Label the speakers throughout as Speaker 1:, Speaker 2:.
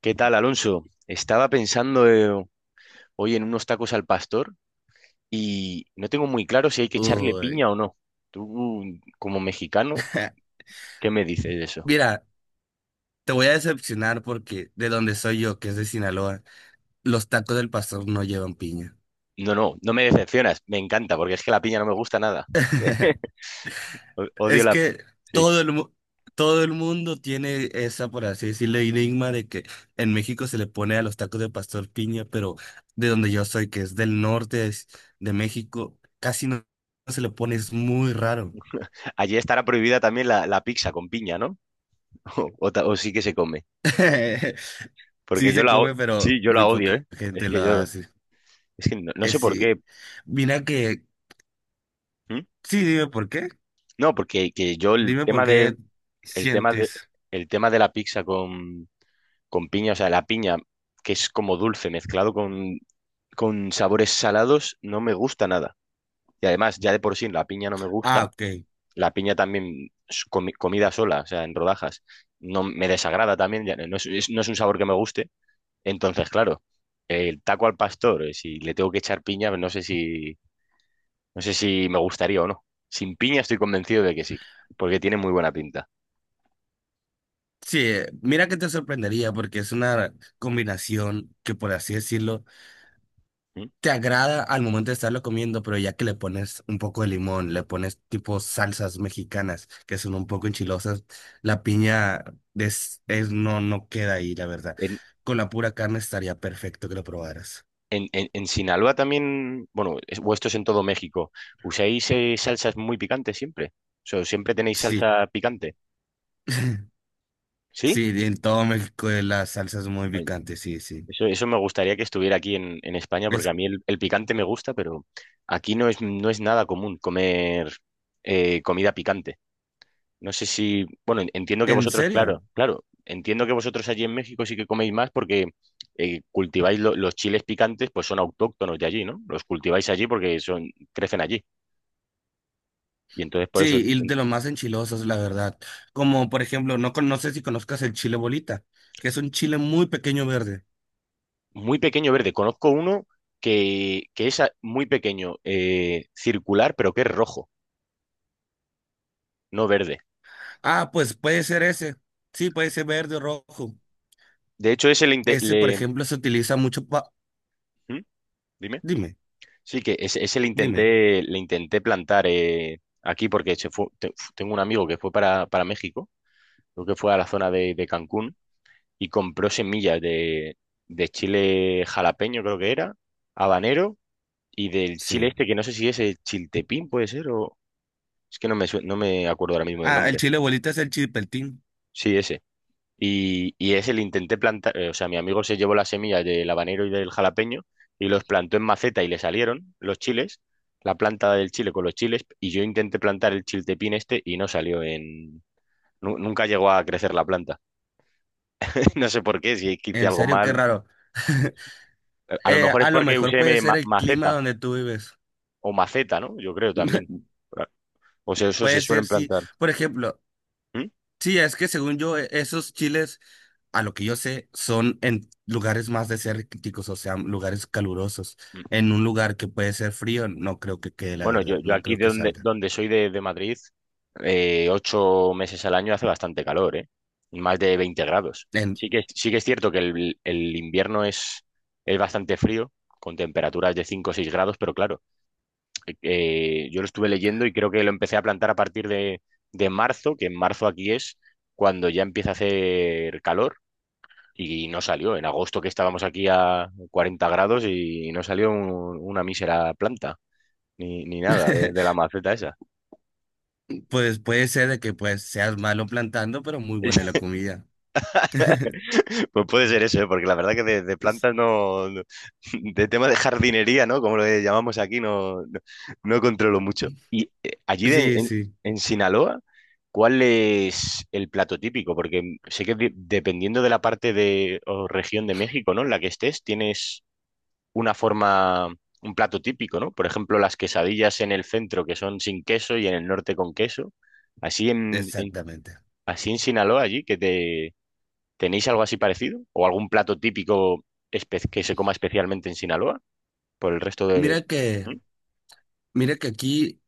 Speaker 1: ¿Qué tal, Alonso? Estaba pensando hoy en unos tacos al pastor y no tengo muy claro si hay que echarle
Speaker 2: Uy.
Speaker 1: piña o no. Tú, como mexicano, ¿qué me dices de eso?
Speaker 2: Mira, te voy a decepcionar porque de donde soy yo, que es de Sinaloa, los tacos del pastor no llevan piña.
Speaker 1: No, no, no me decepcionas. Me encanta, porque es que la piña no me gusta nada. Odio
Speaker 2: Es
Speaker 1: la...
Speaker 2: que
Speaker 1: Sí.
Speaker 2: todo el, mu- todo el mundo tiene esa, por así decirlo, enigma de que en México se le pone a los tacos de pastor piña, pero de donde yo soy, que es del norte de México, casi no se le pone, es muy raro.
Speaker 1: Allí estará prohibida también la pizza con piña, ¿no? O sí que se come.
Speaker 2: Sí
Speaker 1: Porque yo
Speaker 2: se
Speaker 1: la...
Speaker 2: come, pero
Speaker 1: Sí, yo
Speaker 2: muy
Speaker 1: la odio,
Speaker 2: poca
Speaker 1: ¿eh? Es
Speaker 2: gente lo
Speaker 1: que yo...
Speaker 2: hace.
Speaker 1: Es que no sé por qué.
Speaker 2: Sí. Mira que,
Speaker 1: ¿Mm?
Speaker 2: sí, dime por qué.
Speaker 1: No, porque que yo el
Speaker 2: Dime por
Speaker 1: tema
Speaker 2: qué
Speaker 1: de... El tema de...
Speaker 2: sientes.
Speaker 1: El tema de la pizza con piña, o sea, la piña, que es como dulce mezclado con sabores salados, no me gusta nada. Y además, ya de por sí, la piña no me
Speaker 2: Ah,
Speaker 1: gusta.
Speaker 2: ok.
Speaker 1: La piña también, comida sola, o sea, en rodajas, no me desagrada también, ya no es, no es un sabor que me guste. Entonces, claro, el taco al pastor, si le tengo que echar piña, no sé si me gustaría o no. Sin piña estoy convencido de que sí, porque tiene muy buena pinta.
Speaker 2: Sí, mira que te sorprendería porque es una combinación que, por así decirlo,
Speaker 1: ¿Mm?
Speaker 2: te agrada al momento de estarlo comiendo, pero ya que le pones un poco de limón, le pones tipo salsas mexicanas que son un poco enchilosas, la piña no, no queda ahí, la verdad.
Speaker 1: En-
Speaker 2: Con la pura carne estaría perfecto que lo probaras.
Speaker 1: en Sinaloa también, bueno, o esto es en todo México, ¿usáis salsas muy picantes siempre? O sea, ¿siempre tenéis
Speaker 2: Sí,
Speaker 1: salsa picante? ¿Sí?
Speaker 2: sí, en todo México las salsas muy
Speaker 1: Ay,
Speaker 2: picantes, sí, sí.
Speaker 1: Eso me gustaría que estuviera aquí en España, porque
Speaker 2: Es,
Speaker 1: a mí el picante me gusta, pero aquí no es nada común comer comida picante. No sé si, bueno, entiendo que
Speaker 2: ¿En
Speaker 1: vosotros,
Speaker 2: serio?
Speaker 1: claro, claro, entiendo que vosotros allí en México sí que coméis más porque cultiváis los chiles picantes, pues son autóctonos de allí, ¿no? Los cultiváis allí porque crecen allí. Y entonces por eso.
Speaker 2: Sí, y
Speaker 1: en-
Speaker 2: de los más enchilosos, la verdad. Como por ejemplo, no, no sé si conozcas el chile bolita, que es un chile muy pequeño verde.
Speaker 1: muy pequeño verde. Conozco uno que es muy pequeño, circular, pero que es rojo, no verde.
Speaker 2: Ah, pues puede ser ese. Sí, puede ser verde o rojo.
Speaker 1: De hecho, ese le, inte-
Speaker 2: Ese, por
Speaker 1: le-
Speaker 2: ejemplo, se utiliza mucho pa...
Speaker 1: ¿Mm? Dime.
Speaker 2: Dime,
Speaker 1: Sí, que ese le
Speaker 2: dime.
Speaker 1: intenté, le intenté plantar aquí porque se fue, tengo un amigo que fue para México, creo que fue a la zona de Cancún y compró semillas de chile jalapeño, creo que era, habanero, y del chile
Speaker 2: Sí.
Speaker 1: este, que no sé si es el chiltepín, puede ser, o es que no me acuerdo ahora mismo del
Speaker 2: Ah, el
Speaker 1: nombre.
Speaker 2: chile bolita es el chilpeltín.
Speaker 1: Sí, ese. Y ese le intenté plantar, o sea, mi amigo se llevó las semillas del habanero y del jalapeño y los plantó en maceta y le salieron los chiles, la planta del chile con los chiles, y yo intenté plantar el chiltepín este y no salió en... Nunca llegó a crecer la planta. No sé por qué, si es que hice
Speaker 2: En
Speaker 1: algo
Speaker 2: serio, qué
Speaker 1: mal.
Speaker 2: raro.
Speaker 1: A lo mejor es
Speaker 2: A lo
Speaker 1: porque
Speaker 2: mejor
Speaker 1: usé
Speaker 2: puede ser el clima
Speaker 1: maceta
Speaker 2: donde tú vives.
Speaker 1: o maceta, ¿no? Yo creo también. Claro. O sea, eso se
Speaker 2: Puede ser,
Speaker 1: suelen
Speaker 2: sí.
Speaker 1: plantar.
Speaker 2: Por ejemplo,
Speaker 1: ¿Mm?
Speaker 2: sí, es que según yo, esos chiles. A lo que yo sé, son en lugares más desérticos, o sea, lugares calurosos. En un lugar que puede ser frío, no creo que quede, la
Speaker 1: Bueno, yo,
Speaker 2: verdad,
Speaker 1: yo
Speaker 2: no
Speaker 1: aquí
Speaker 2: creo
Speaker 1: de
Speaker 2: que
Speaker 1: donde,
Speaker 2: salga.
Speaker 1: donde soy de Madrid, 8 meses al año hace bastante calor, ¿eh? Más de 20 grados.
Speaker 2: En-
Speaker 1: Sí que, sí que es cierto que el invierno es bastante frío, con temperaturas de 5 o 6 grados, pero claro, yo lo estuve leyendo y creo que lo empecé a plantar a partir de marzo, que en marzo aquí es cuando ya empieza a hacer calor y no salió. En agosto que estábamos aquí a 40 grados y no salió una mísera planta, ni nada de la maceta esa.
Speaker 2: pues puede ser de que pues seas malo plantando, pero muy buena la comida.
Speaker 1: Pues puede ser eso, ¿eh? Porque la verdad que de plantas no, De tema de jardinería, ¿no? Como lo llamamos aquí, no controlo mucho. Y allí
Speaker 2: Sí,
Speaker 1: en,
Speaker 2: sí,
Speaker 1: en Sinaloa, ¿cuál es el plato típico? Porque sé que dependiendo de la parte o región de México, ¿no? En la que estés, tienes una forma, un plato típico, ¿no? Por ejemplo, las quesadillas en el centro, que son sin queso, y en el norte con queso. Así en, en-
Speaker 2: exactamente.
Speaker 1: así en Sinaloa, allí, que. ¿Tenéis algo así parecido? ¿O algún plato típico que se coma especialmente en Sinaloa? Por el resto de...
Speaker 2: Mira que
Speaker 1: ¿Mm?
Speaker 2: Mira que aquí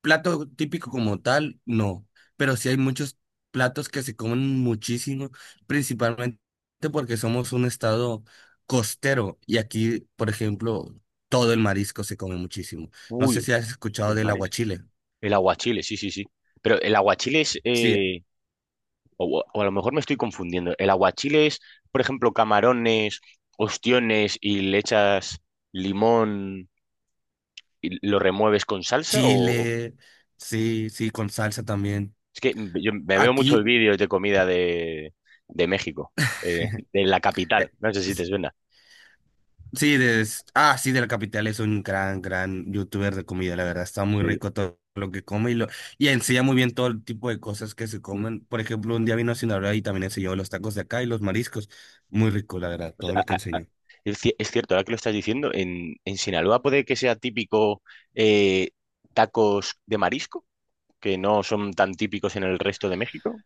Speaker 2: plato típico como tal, no, pero sí hay muchos platos que se comen muchísimo, principalmente porque somos un estado costero y aquí, por ejemplo, todo el marisco se come muchísimo. No sé
Speaker 1: Uy,
Speaker 2: si has escuchado
Speaker 1: el
Speaker 2: del
Speaker 1: marisco.
Speaker 2: aguachile.
Speaker 1: El aguachile, sí, sí, sí. Pero el aguachile es...
Speaker 2: Sí,
Speaker 1: o a lo mejor me estoy confundiendo. El aguachile es, por ejemplo, camarones, ostiones y le echas limón y lo remueves con salsa. O...
Speaker 2: chile, sí, sí, con salsa también.
Speaker 1: Es que yo me veo muchos
Speaker 2: Aquí,
Speaker 1: vídeos de comida de México, de la capital.
Speaker 2: eh,
Speaker 1: No sé si te suena.
Speaker 2: sí, ah, sí, de la capital es un gran, gran youtuber de comida, la verdad. Está muy
Speaker 1: Sí.
Speaker 2: rico todo lo que come y y enseña muy bien todo el tipo de cosas que se
Speaker 1: Mm.
Speaker 2: comen. Por ejemplo, un día vino a Sinaloa y también enseñó los tacos de acá y los mariscos. Muy rico, la verdad,
Speaker 1: O
Speaker 2: todo lo
Speaker 1: sea,
Speaker 2: que enseñó.
Speaker 1: es cierto, ahora que lo estás diciendo, en Sinaloa puede que sea típico eh, tacos de marisco, que no son tan típicos en el resto de México.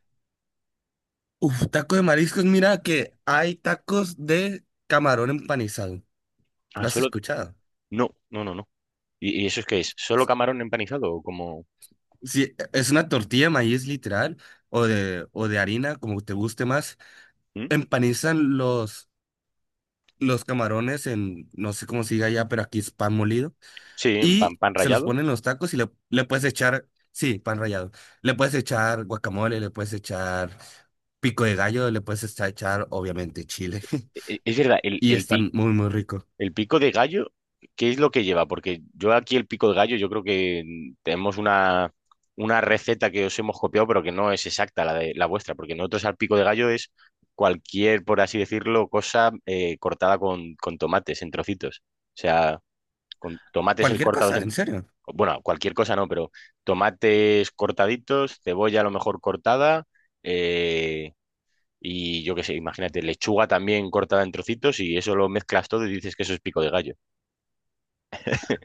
Speaker 2: Uf, taco de mariscos, mira que hay tacos de camarón empanizado.
Speaker 1: Ah,
Speaker 2: ¿Lo has
Speaker 1: solo...
Speaker 2: escuchado?
Speaker 1: No, no, no, no. ¿Y eso es que es? ¿Solo camarón empanizado o como...
Speaker 2: Sí, es una tortilla de maíz literal o de harina, como te guste más.
Speaker 1: ¿Mm?
Speaker 2: Empanizan los camarones en, no sé cómo se diga allá, pero aquí es pan molido.
Speaker 1: Sí, pan,
Speaker 2: Y
Speaker 1: pan
Speaker 2: se los
Speaker 1: rallado.
Speaker 2: ponen en los tacos y le puedes echar, sí, pan rallado. Le puedes echar guacamole, le puedes echar pico de gallo, le puedes echar, obviamente, chile.
Speaker 1: E- e- Es verdad, el,
Speaker 2: Y
Speaker 1: el, pi-
Speaker 2: están muy, muy rico.
Speaker 1: El pico de gallo, ¿qué es lo que lleva? Porque yo aquí el pico de gallo, yo creo que tenemos una receta que os hemos copiado, pero que no es exacta la de la vuestra, porque nosotros al pico de gallo es cualquier, por así decirlo, cosa cortada con tomates en trocitos. O sea, con tomates
Speaker 2: Cualquier
Speaker 1: cortados
Speaker 2: cosa, en
Speaker 1: en...
Speaker 2: serio.
Speaker 1: Bueno, cualquier cosa no, pero tomates cortaditos, cebolla a lo mejor cortada, eh, y yo qué sé, imagínate, lechuga también cortada en trocitos, y eso lo mezclas todo y dices que eso es pico de gallo.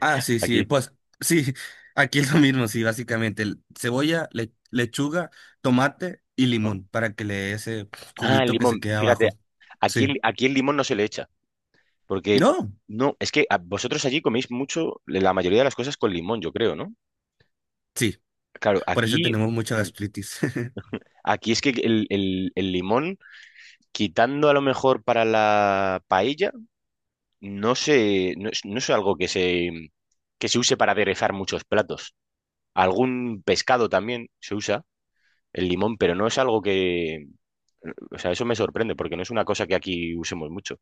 Speaker 2: Ah, sí, sí,
Speaker 1: Aquí,
Speaker 2: pues sí, aquí es lo mismo, sí, básicamente. Cebolla, lechuga, tomate y
Speaker 1: ¿no?
Speaker 2: limón para que le dé ese
Speaker 1: Ah, el
Speaker 2: juguito que se
Speaker 1: limón,
Speaker 2: queda
Speaker 1: fíjate,
Speaker 2: abajo.
Speaker 1: aquí,
Speaker 2: Sí.
Speaker 1: aquí el limón no se le echa, porque
Speaker 2: No,
Speaker 1: no, es que vosotros allí coméis mucho, la mayoría de las cosas con limón, yo creo, ¿no?
Speaker 2: sí,
Speaker 1: Claro,
Speaker 2: por eso
Speaker 1: aquí,
Speaker 2: tenemos mucha
Speaker 1: mm,
Speaker 2: gastritis.
Speaker 1: aquí es que el limón, quitando a lo mejor para la paella, no es algo que se use para aderezar muchos platos. Algún pescado también se usa el limón, pero no es algo que, o sea, eso me sorprende, porque no es una cosa que aquí usemos mucho.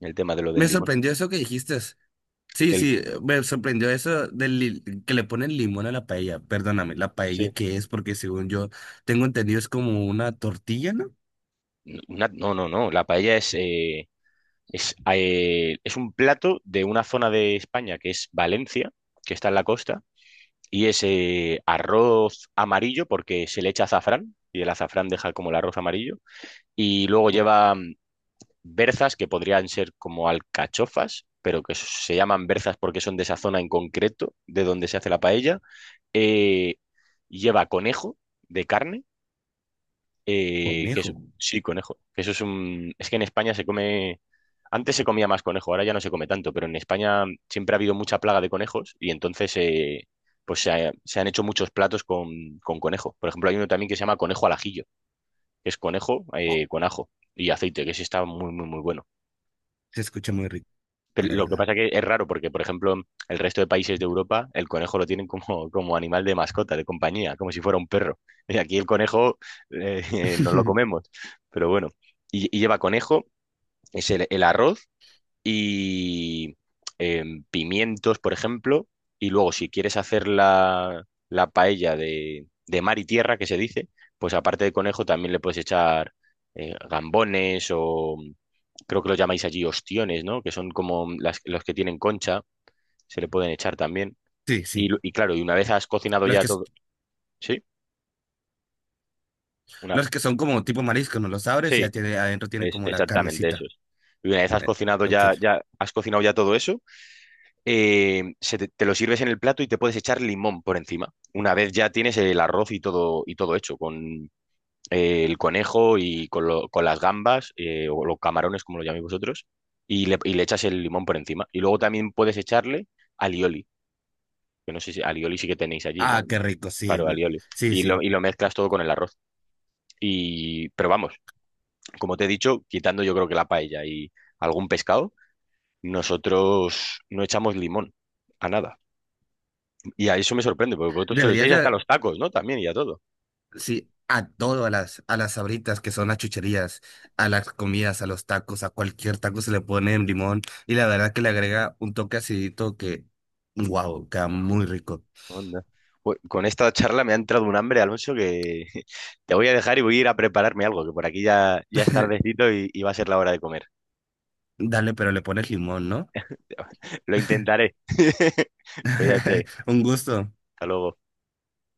Speaker 1: El tema de lo del
Speaker 2: Me
Speaker 1: limón.
Speaker 2: sorprendió eso que dijiste. Sí,
Speaker 1: El,
Speaker 2: sí, me sorprendió eso que le ponen limón a la paella. Perdóname, ¿la paella
Speaker 1: sí.
Speaker 2: qué es? Porque según yo tengo entendido es como una tortilla, ¿no?
Speaker 1: No, no, no. La paella es un plato de una zona de España que es Valencia, que está en la costa, y es arroz amarillo porque se le echa azafrán y el azafrán deja como el arroz amarillo. Y luego lleva berzas que podrían ser como alcachofas, pero que se llaman berzas porque son de esa zona en concreto de donde se hace la paella. Eh, lleva conejo de carne. Eh, que es-
Speaker 2: Conejo.
Speaker 1: sí, conejo. Que eso es un. Es que en España se come. Antes se comía más conejo, ahora ya no se come tanto, pero en España siempre ha habido mucha plaga de conejos y entonces pues se han hecho muchos platos con conejo. Por ejemplo, hay uno también que se llama conejo al ajillo, que es conejo
Speaker 2: Oh,
Speaker 1: con ajo y aceite, que ese está muy, muy, muy bueno.
Speaker 2: se escucha muy rico,
Speaker 1: Pero
Speaker 2: la
Speaker 1: lo que
Speaker 2: verdad.
Speaker 1: pasa que es raro porque, por ejemplo, el resto de países de Europa, el conejo lo tienen como animal de mascota, de compañía, como si fuera un perro. Y aquí el conejo nos lo comemos, pero bueno. Y lleva conejo, es el arroz, y pimientos, por ejemplo. Y luego, si quieres hacer la paella de mar y tierra, que se dice, pues aparte de conejo también le puedes echar gambones o creo que lo llamáis allí ostiones, ¿no? Que son como los que tienen concha, se le pueden echar también.
Speaker 2: Sí,
Speaker 1: Y,
Speaker 2: sí.
Speaker 1: lo- y claro, y una vez has cocinado
Speaker 2: Los
Speaker 1: ya
Speaker 2: que, s-
Speaker 1: todo, ¿sí? Una,
Speaker 2: los que son como tipo marisco, ¿no? Los abres y ya
Speaker 1: sí,
Speaker 2: tiene, adentro tienen
Speaker 1: es
Speaker 2: como la
Speaker 1: exactamente eso.
Speaker 2: carnecita.
Speaker 1: Y una vez has
Speaker 2: Eh,
Speaker 1: cocinado
Speaker 2: ok.
Speaker 1: ya, ya, has cocinado ya todo eso, te lo sirves en el plato y te puedes echar limón por encima. Una vez ya tienes el arroz y todo hecho, con el conejo y con las gambas, o los camarones, como lo llaméis vosotros, y le echas el limón por encima. Y luego también puedes echarle alioli, que no sé si alioli sí que tenéis allí, ¿no?
Speaker 2: Ah, qué rico, sí.
Speaker 1: Claro, alioli.
Speaker 2: Sí,
Speaker 1: Y lo,
Speaker 2: sí.
Speaker 1: y lo mezclas todo con el arroz. Pero vamos, como te he dicho, quitando yo creo que la paella y algún pescado, nosotros no echamos limón a nada. Y a eso me sorprende, porque vosotros se lo
Speaker 2: Deberías
Speaker 1: echáis hasta a
Speaker 2: de
Speaker 1: los tacos, ¿no? También y a todo.
Speaker 2: sí, a todo a las sabritas que son las chucherías, a las comidas, a los tacos, a cualquier taco se le pone limón y la verdad que le agrega un toque acidito que, wow, queda muy rico.
Speaker 1: Anda. Con esta charla me ha entrado un hambre, Alonso, que te voy a dejar y voy a ir a prepararme algo, que por aquí ya es tardecito y va a ser la hora de comer.
Speaker 2: Dale, pero le pones limón, ¿no?
Speaker 1: Lo intentaré. Cuídate.
Speaker 2: Un gusto.
Speaker 1: Hasta luego.